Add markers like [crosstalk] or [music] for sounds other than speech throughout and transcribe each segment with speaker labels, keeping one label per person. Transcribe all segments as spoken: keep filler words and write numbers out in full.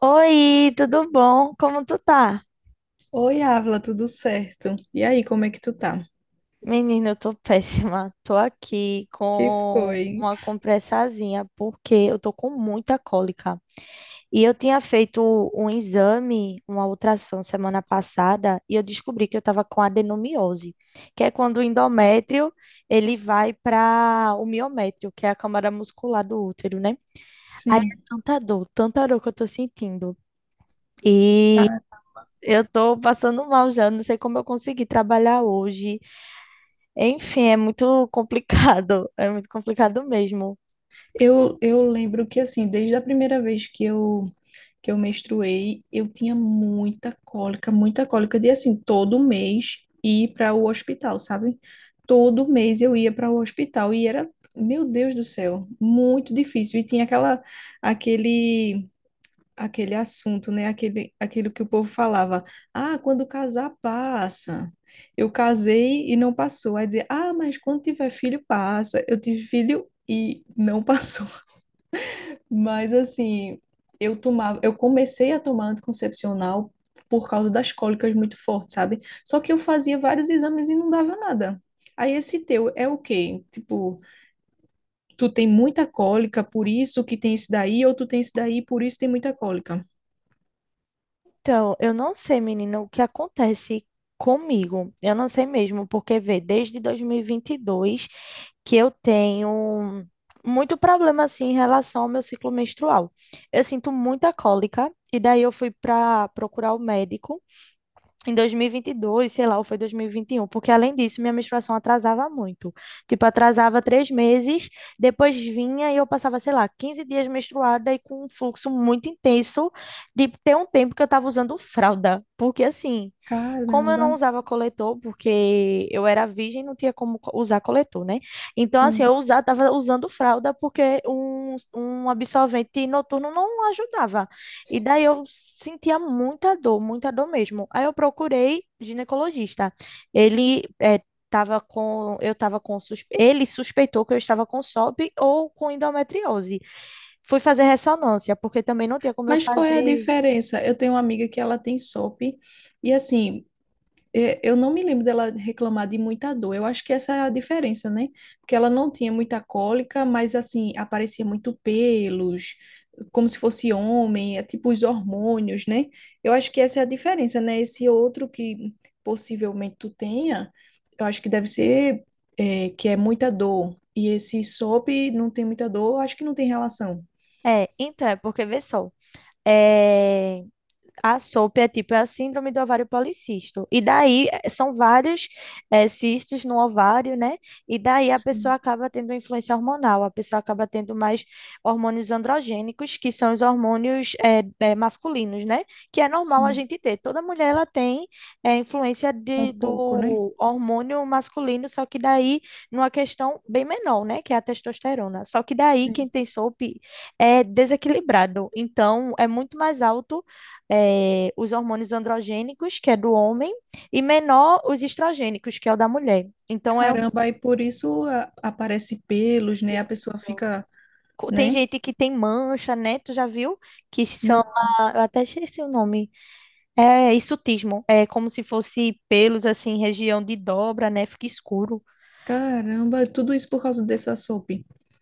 Speaker 1: Oi, tudo bom? Como tu tá?
Speaker 2: Oi, Ávila, tudo certo? E aí, como é que tu tá?
Speaker 1: Menina, eu tô [laughs] péssima. Tô aqui
Speaker 2: Que
Speaker 1: com
Speaker 2: foi?
Speaker 1: uma compressazinha porque eu tô com muita cólica. E eu tinha feito um exame, uma ultrassom semana passada, e eu descobri que eu tava com adenomiose, que é quando o endométrio ele vai para o miométrio, que é a câmara muscular do útero, né? Aí é
Speaker 2: Sim.
Speaker 1: tanta dor, tanta dor que eu tô sentindo. e
Speaker 2: Ah,
Speaker 1: Eu tô passando mal já, não sei como eu consegui trabalhar hoje. Enfim, é muito complicado, [laughs] é muito complicado mesmo.
Speaker 2: eu, eu lembro que, assim, desde a primeira vez que eu, que eu menstruei, eu tinha muita cólica, muita cólica de, assim, todo mês ir para o hospital, sabe? Todo mês eu ia para o hospital e era, meu Deus do céu, muito difícil. E tinha aquela, aquele aquele assunto, né? Aquele, aquilo que o povo falava. Ah, quando casar, passa. Eu casei e não passou. Aí dizer, ah, mas quando tiver filho, passa. Eu tive filho e não passou. [laughs] Mas assim, eu tomava, eu comecei a tomar anticoncepcional por causa das cólicas muito fortes, sabe? Só que eu fazia vários exames e não dava nada. Aí esse teu é o quê? Tipo, tu tem muita cólica, por isso que tem esse daí, ou tu tem esse daí, por isso tem muita cólica.
Speaker 1: Então, eu não sei, menina, o que acontece comigo. Eu não sei mesmo, porque vê, desde dois mil e e vinte e dois que eu tenho muito problema assim em relação ao meu ciclo menstrual. Eu sinto muita cólica e daí eu fui para procurar o médico. em dois mil e vinte e dois, sei lá, ou foi dois mil e vinte e um, porque além disso, minha menstruação atrasava muito. Tipo, atrasava três meses, depois vinha e eu passava, sei lá, quinze dias menstruada e com um fluxo muito intenso de ter um tempo que eu tava usando fralda. Porque assim, como eu não
Speaker 2: Caramba,
Speaker 1: usava coletor, porque eu era virgem, não tinha como co- usar coletor, né? Então, assim,
Speaker 2: sim.
Speaker 1: eu usava, tava usando fralda porque um, um absorvente noturno não ajudava. E daí eu sentia muita dor, muita dor mesmo. Aí eu procurei ginecologista. Ele eh, tava com, eu tava com, sus- ele suspeitou que eu estava com S O P ou com endometriose. Fui fazer ressonância, porque também não tinha como eu
Speaker 2: Mas qual é a
Speaker 1: fazer.
Speaker 2: diferença? Eu tenho uma amiga que ela tem S O P e assim, é, eu não me lembro dela reclamar de muita dor. Eu acho que essa é a diferença, né? Porque ela não tinha muita cólica, mas assim, aparecia muito pelos, como se fosse homem, é tipo os hormônios, né? Eu acho que essa é a diferença, né? Esse outro que possivelmente tu tenha, eu acho que deve ser, é, que é muita dor. E esse S O P não tem muita dor, eu acho que não tem relação.
Speaker 1: É, então, é porque, vê só. É, a S O P é tipo é a síndrome do ovário policístico. E daí eh, são vários eh, cistos no ovário, né? E daí a pessoa
Speaker 2: Sim,
Speaker 1: acaba tendo influência hormonal, a pessoa acaba tendo mais hormônios androgênicos, que são os hormônios eh, eh, masculinos, né? Que é normal a
Speaker 2: sim,
Speaker 1: gente ter. Toda mulher ela tem eh, influência
Speaker 2: um
Speaker 1: de,
Speaker 2: pouco, né?
Speaker 1: do hormônio masculino, só que daí numa questão bem menor, né? Que é a testosterona. Só que daí quem tem S O P é desequilibrado. Então é muito mais alto é, os hormônios androgênicos, que é do homem, e menor os estrogênicos, que é o da mulher. Então, é um
Speaker 2: Caramba, aí por isso a- aparece pelos, né? A pessoa fica,
Speaker 1: co- tem
Speaker 2: né?
Speaker 1: gente que tem mancha, né? Tu já viu? Que
Speaker 2: Não,
Speaker 1: chama. Eu até esqueci o nome. É, é hirsutismo. É como se fosse pelos, assim, região de dobra, né? Fica escuro.
Speaker 2: caramba, tudo isso por causa dessa sopa.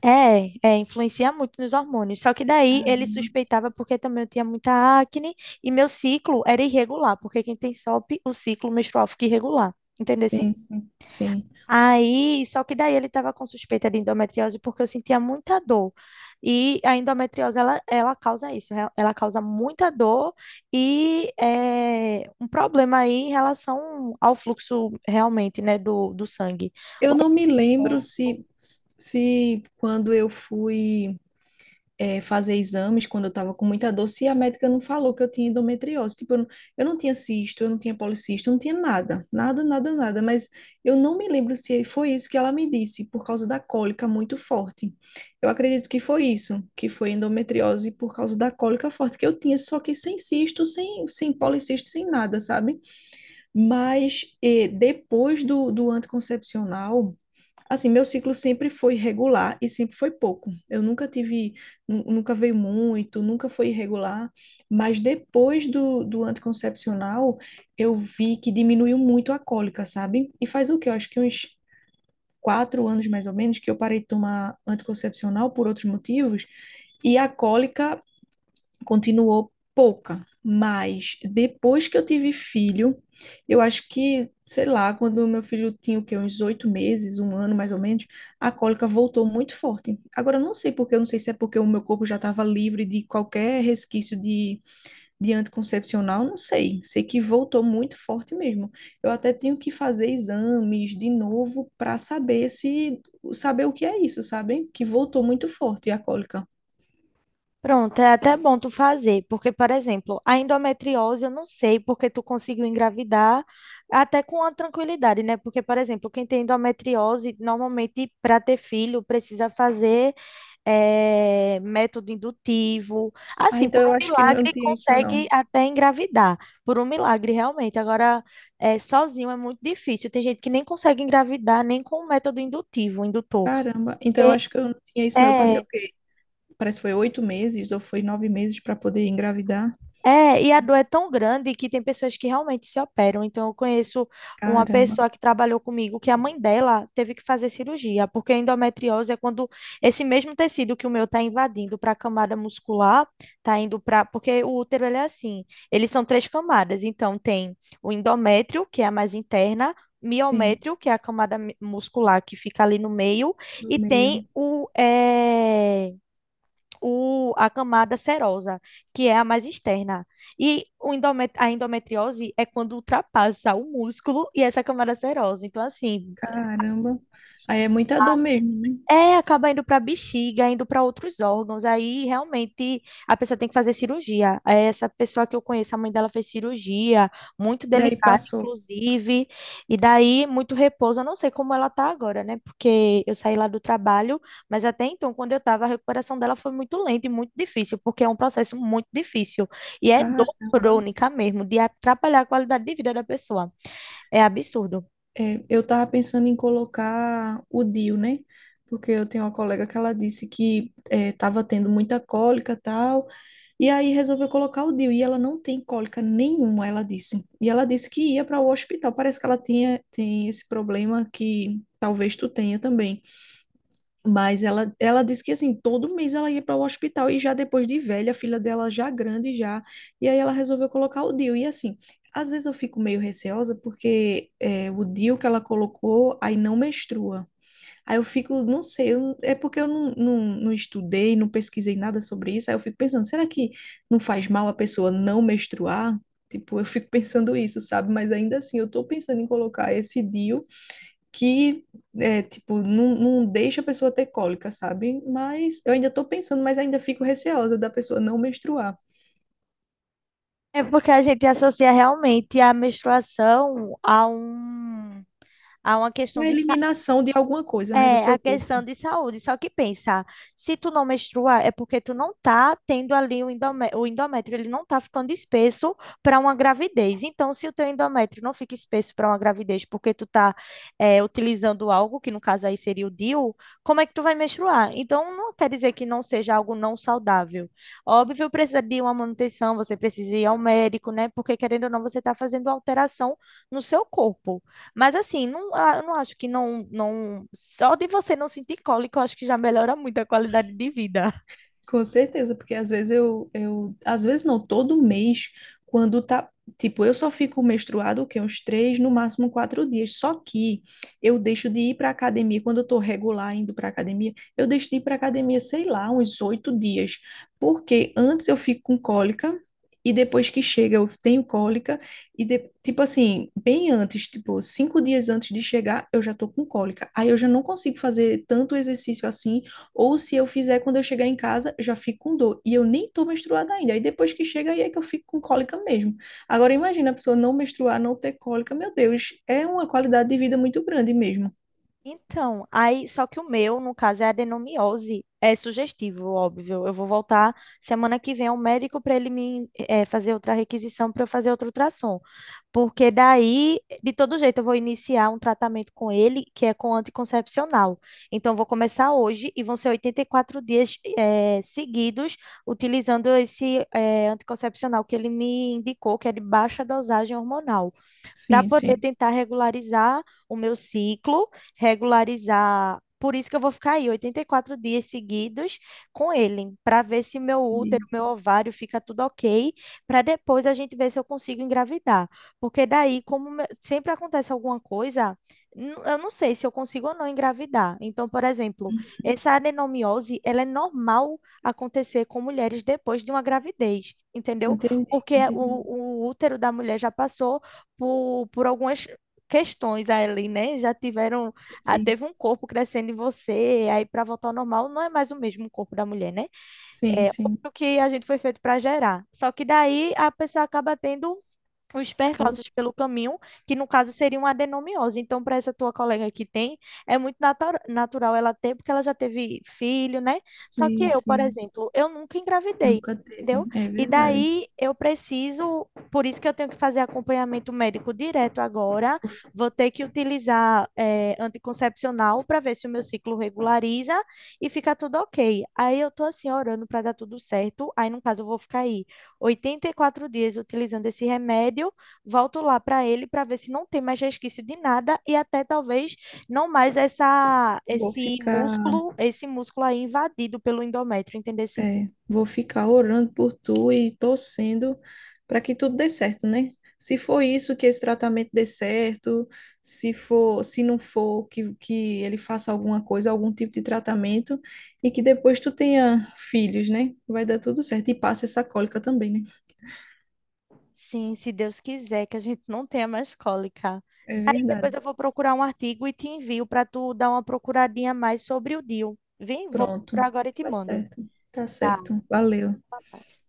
Speaker 1: É, é, influencia muito nos hormônios. Só que daí
Speaker 2: Ah,
Speaker 1: ele suspeitava porque também eu tinha muita acne e meu ciclo era irregular, porque quem tem S O P, o P, o ciclo menstrual fica irregular. Entendeu?
Speaker 2: sim, sim, sim.
Speaker 1: Aí, só que daí ele estava com suspeita de endometriose porque eu sentia muita dor. E a endometriose, ela, ela causa isso, né? Ela causa muita dor e é, um problema aí em relação ao fluxo realmente, né, do, do sangue.
Speaker 2: Eu não me lembro
Speaker 1: O
Speaker 2: se, se quando eu fui. É, fazer exames quando eu estava com muita dor, se a médica não falou que eu tinha endometriose. Tipo, eu não, eu não tinha cisto, eu não tinha policisto, eu não tinha nada, nada, nada, nada. Mas eu não me lembro se foi isso que ela me disse, por causa da cólica muito forte. Eu acredito que foi isso, que foi endometriose por causa da cólica forte que eu tinha, só que sem cisto, sem, sem policisto, sem nada, sabe? Mas eh, depois do, do anticoncepcional, assim, meu ciclo sempre foi regular e sempre foi pouco. Eu nunca tive, nu- nunca veio muito, nunca foi irregular, mas depois do, do anticoncepcional, eu vi que diminuiu muito a cólica, sabe? E faz o quê? Eu acho que uns quatro anos mais ou menos que eu parei de tomar anticoncepcional por outros motivos, e a cólica continuou pouca, mas depois que eu tive filho, eu acho que, sei lá, quando meu filho tinha o quê, uns oito meses, um ano mais ou menos, a cólica voltou muito forte. Agora, eu não sei porque, eu não sei se é porque o meu corpo já estava livre de qualquer resquício de, de anticoncepcional, não sei. Sei que voltou muito forte mesmo. Eu até tenho que fazer exames de novo para saber se, saber o que é isso, sabem? Que voltou muito forte a cólica.
Speaker 1: Pronto, é até bom tu fazer, porque, por exemplo, a endometriose eu não sei porque tu conseguiu engravidar até com a tranquilidade, né? Porque, por exemplo, quem tem endometriose, normalmente para ter filho precisa fazer eh, método indutivo.
Speaker 2: Ah,
Speaker 1: Assim,
Speaker 2: então
Speaker 1: por um
Speaker 2: eu acho que não
Speaker 1: milagre
Speaker 2: tinha isso, não.
Speaker 1: consegue até engravidar, por um milagre realmente. Agora, eh, sozinho é muito difícil. Tem gente que nem consegue engravidar nem com o método indutivo, indutor.
Speaker 2: Caramba, então eu acho que eu não tinha isso, não. Eu passei
Speaker 1: É,
Speaker 2: o quê? Parece que foi oito meses ou foi nove meses para poder engravidar.
Speaker 1: é, e a dor é tão grande que tem pessoas que realmente se operam. Então, eu conheço uma
Speaker 2: Caramba,
Speaker 1: pessoa que trabalhou comigo que a mãe dela teve que fazer cirurgia, porque a endometriose é quando esse mesmo tecido que o meu está invadindo para a camada muscular, está indo para. Porque o útero ele é assim, eles são três camadas. Então, tem o endométrio, que é a mais interna.
Speaker 2: sim,
Speaker 1: Miométrio, que é a camada mi- muscular que fica ali no meio,
Speaker 2: do
Speaker 1: e tem
Speaker 2: meio.
Speaker 1: o, eh, o, a camada serosa, que é a mais externa. E o endomet A endometriose é quando ultrapassa o músculo e essa camada serosa. Então, assim,
Speaker 2: Caramba. Aí é muita dor mesmo, né?
Speaker 1: é, acaba indo para bexiga, indo para outros órgãos. Aí realmente a pessoa tem que fazer cirurgia. É, essa pessoa que eu conheço, a mãe dela fez cirurgia, muito
Speaker 2: E aí
Speaker 1: delicada,
Speaker 2: passou.
Speaker 1: inclusive. E daí muito repouso. Eu não sei como ela tá agora, né? Porque eu saí lá do trabalho, mas até então, quando eu tava, a recuperação dela foi muito lenta e muito difícil, porque é um processo muito difícil. E é dor
Speaker 2: Caramba.
Speaker 1: crônica mesmo, de atrapalhar a qualidade de vida da pessoa. É absurdo.
Speaker 2: É, eu tava pensando em colocar o D I U, né? Porque eu tenho uma colega que ela disse que é, tava tendo muita cólica e tal, e aí resolveu colocar o D I U, e ela não tem cólica nenhuma, ela disse. E ela disse que ia para o hospital, parece que ela tinha, tem esse problema que talvez tu tenha também. Mas ela, ela disse que assim, todo mês ela ia para o hospital e já depois de velha, a filha dela já grande já, e aí ela resolveu colocar o D I U. E assim, às vezes eu fico meio receosa porque é, o D I U que ela colocou aí não menstrua. Aí eu fico, não sei, eu- é porque eu não, não, não estudei, não pesquisei nada sobre isso, aí eu fico pensando, será que não faz mal a pessoa não menstruar? Tipo, eu fico [laughs] pensando isso, sabe? Mas ainda assim, eu tô pensando em colocar esse D I U que é, tipo, não, não deixa a pessoa ter cólica, sabe? Mas eu ainda tô pensando, mas ainda fico receosa da pessoa não menstruar.
Speaker 1: É porque a gente associa realmente a menstruação a um, a uma questão
Speaker 2: Uma
Speaker 1: de
Speaker 2: eliminação de alguma coisa, né, do
Speaker 1: é a
Speaker 2: seu
Speaker 1: questão
Speaker 2: corpo.
Speaker 1: de saúde, só que pensa, se tu não menstruar é porque tu não tá tendo ali o endome- o endométrio, ele não tá ficando espesso para uma gravidez. Então, se o teu endométrio não fica espesso para uma gravidez porque tu tá é, utilizando algo, que no caso aí seria o D I U, como é que tu vai menstruar? Então, não quer dizer que não seja algo não saudável. Óbvio, precisa de uma manutenção, você precisa ir ao médico, né? Porque querendo ou não, você tá fazendo uma alteração no seu corpo. Mas assim, não, ah, eu não acho que não, não. Só de você não sentir cólica, eu acho que já melhora muito a qualidade de vida.
Speaker 2: Com certeza, porque às vezes eu, eu, às vezes não, todo mês, quando tá, tipo, eu só fico menstruada, o quê? Uns três, no máximo quatro dias. Só que eu deixo de ir para academia, quando eu tô regular indo para academia, eu deixo de ir para academia, sei lá, uns oito dias. Porque antes eu fico com cólica, e depois que chega eu tenho cólica, e de- tipo assim, bem antes, tipo, cinco dias antes de chegar, eu já tô com cólica. Aí eu já não consigo fazer tanto exercício assim ou se eu fizer quando eu chegar em casa, já fico com dor. E eu nem tô menstruada ainda. Aí depois que chega, aí é que eu fico com cólica mesmo. Agora imagina a pessoa não menstruar, não ter cólica. Meu Deus, é uma qualidade de vida muito grande mesmo.
Speaker 1: Então, aí, só que o meu, no caso, é adenomiose. É sugestivo, óbvio. Eu vou voltar semana que vem ao médico para ele me eh, fazer outra requisição para eu fazer outro ultrassom. Porque daí, de todo jeito, eu vou iniciar um tratamento com ele, que é com anticoncepcional. Então, eu vou começar hoje e vão ser oitenta e quatro dias eh, seguidos utilizando esse eh, anticoncepcional que ele me indicou, que é de baixa dosagem hormonal para
Speaker 2: Sim,
Speaker 1: poder
Speaker 2: sim.
Speaker 1: tentar regularizar o meu ciclo, regularizar. Por isso que eu vou ficar aí oitenta e quatro dias seguidos com ele, para ver se meu útero,
Speaker 2: Entendi.
Speaker 1: meu ovário fica tudo ok, para depois a gente ver se eu consigo engravidar. Porque daí, como me- sempre acontece alguma coisa, n- eu não sei se eu consigo ou não engravidar. Então, por exemplo, essa adenomiose, ela é normal acontecer com mulheres depois de uma gravidez, entendeu?
Speaker 2: Entendi,
Speaker 1: Porque
Speaker 2: entendi.
Speaker 1: o, o útero da mulher já passou por, por algumas questões ali, né? Já tiveram, ah,
Speaker 2: Entendi.
Speaker 1: teve um corpo crescendo em você, aí para voltar ao normal não é mais o mesmo corpo da mulher, né?
Speaker 2: Sim,
Speaker 1: É
Speaker 2: sim.
Speaker 1: o que a gente foi feito para gerar. Só que daí a pessoa acaba tendo os
Speaker 2: Au-
Speaker 1: percalços pelo caminho, que no caso seria uma adenomiose. Então, para essa tua colega que tem, é muito natu- natural ela ter, porque ela já teve filho, né? Só que
Speaker 2: Sim,
Speaker 1: eu, por
Speaker 2: sim.
Speaker 1: exemplo, eu nunca engravidei.
Speaker 2: Nunca teve.
Speaker 1: Entendeu?
Speaker 2: É
Speaker 1: E
Speaker 2: verdade.
Speaker 1: daí eu preciso, por isso que eu tenho que fazer acompanhamento médico direto agora.
Speaker 2: Vou fi-
Speaker 1: Vou ter que utilizar eh, anticoncepcional para ver se o meu ciclo regulariza e fica tudo ok. Aí eu tô assim orando para dar tudo certo. Aí no caso eu vou ficar aí oitenta e quatro dias utilizando esse remédio, volto lá para ele para ver se não tem mais resquício de nada e até talvez não mais essa
Speaker 2: Vou
Speaker 1: esse
Speaker 2: ficar.
Speaker 1: músculo, esse músculo aí invadido pelo endométrio, entendeu? Sim,
Speaker 2: É, vou ficar orando por tu e torcendo para que tudo dê certo, né? Se for isso que esse tratamento dê certo, se for, se não for, que, que ele faça alguma coisa, algum tipo de tratamento, e que depois tu tenha filhos, né? Vai dar tudo certo. E passa essa cólica também, né?
Speaker 1: sim se Deus quiser que a gente não tenha mais cólica.
Speaker 2: É verdade.
Speaker 1: Depois eu vou procurar um artigo e te envio para tu dar uma procuradinha mais sobre o D I U. Vem, vou
Speaker 2: Pronto.
Speaker 1: procurar agora e te
Speaker 2: Tá
Speaker 1: mando.
Speaker 2: certo. Tá
Speaker 1: Tá,
Speaker 2: certo. Valeu.
Speaker 1: mas...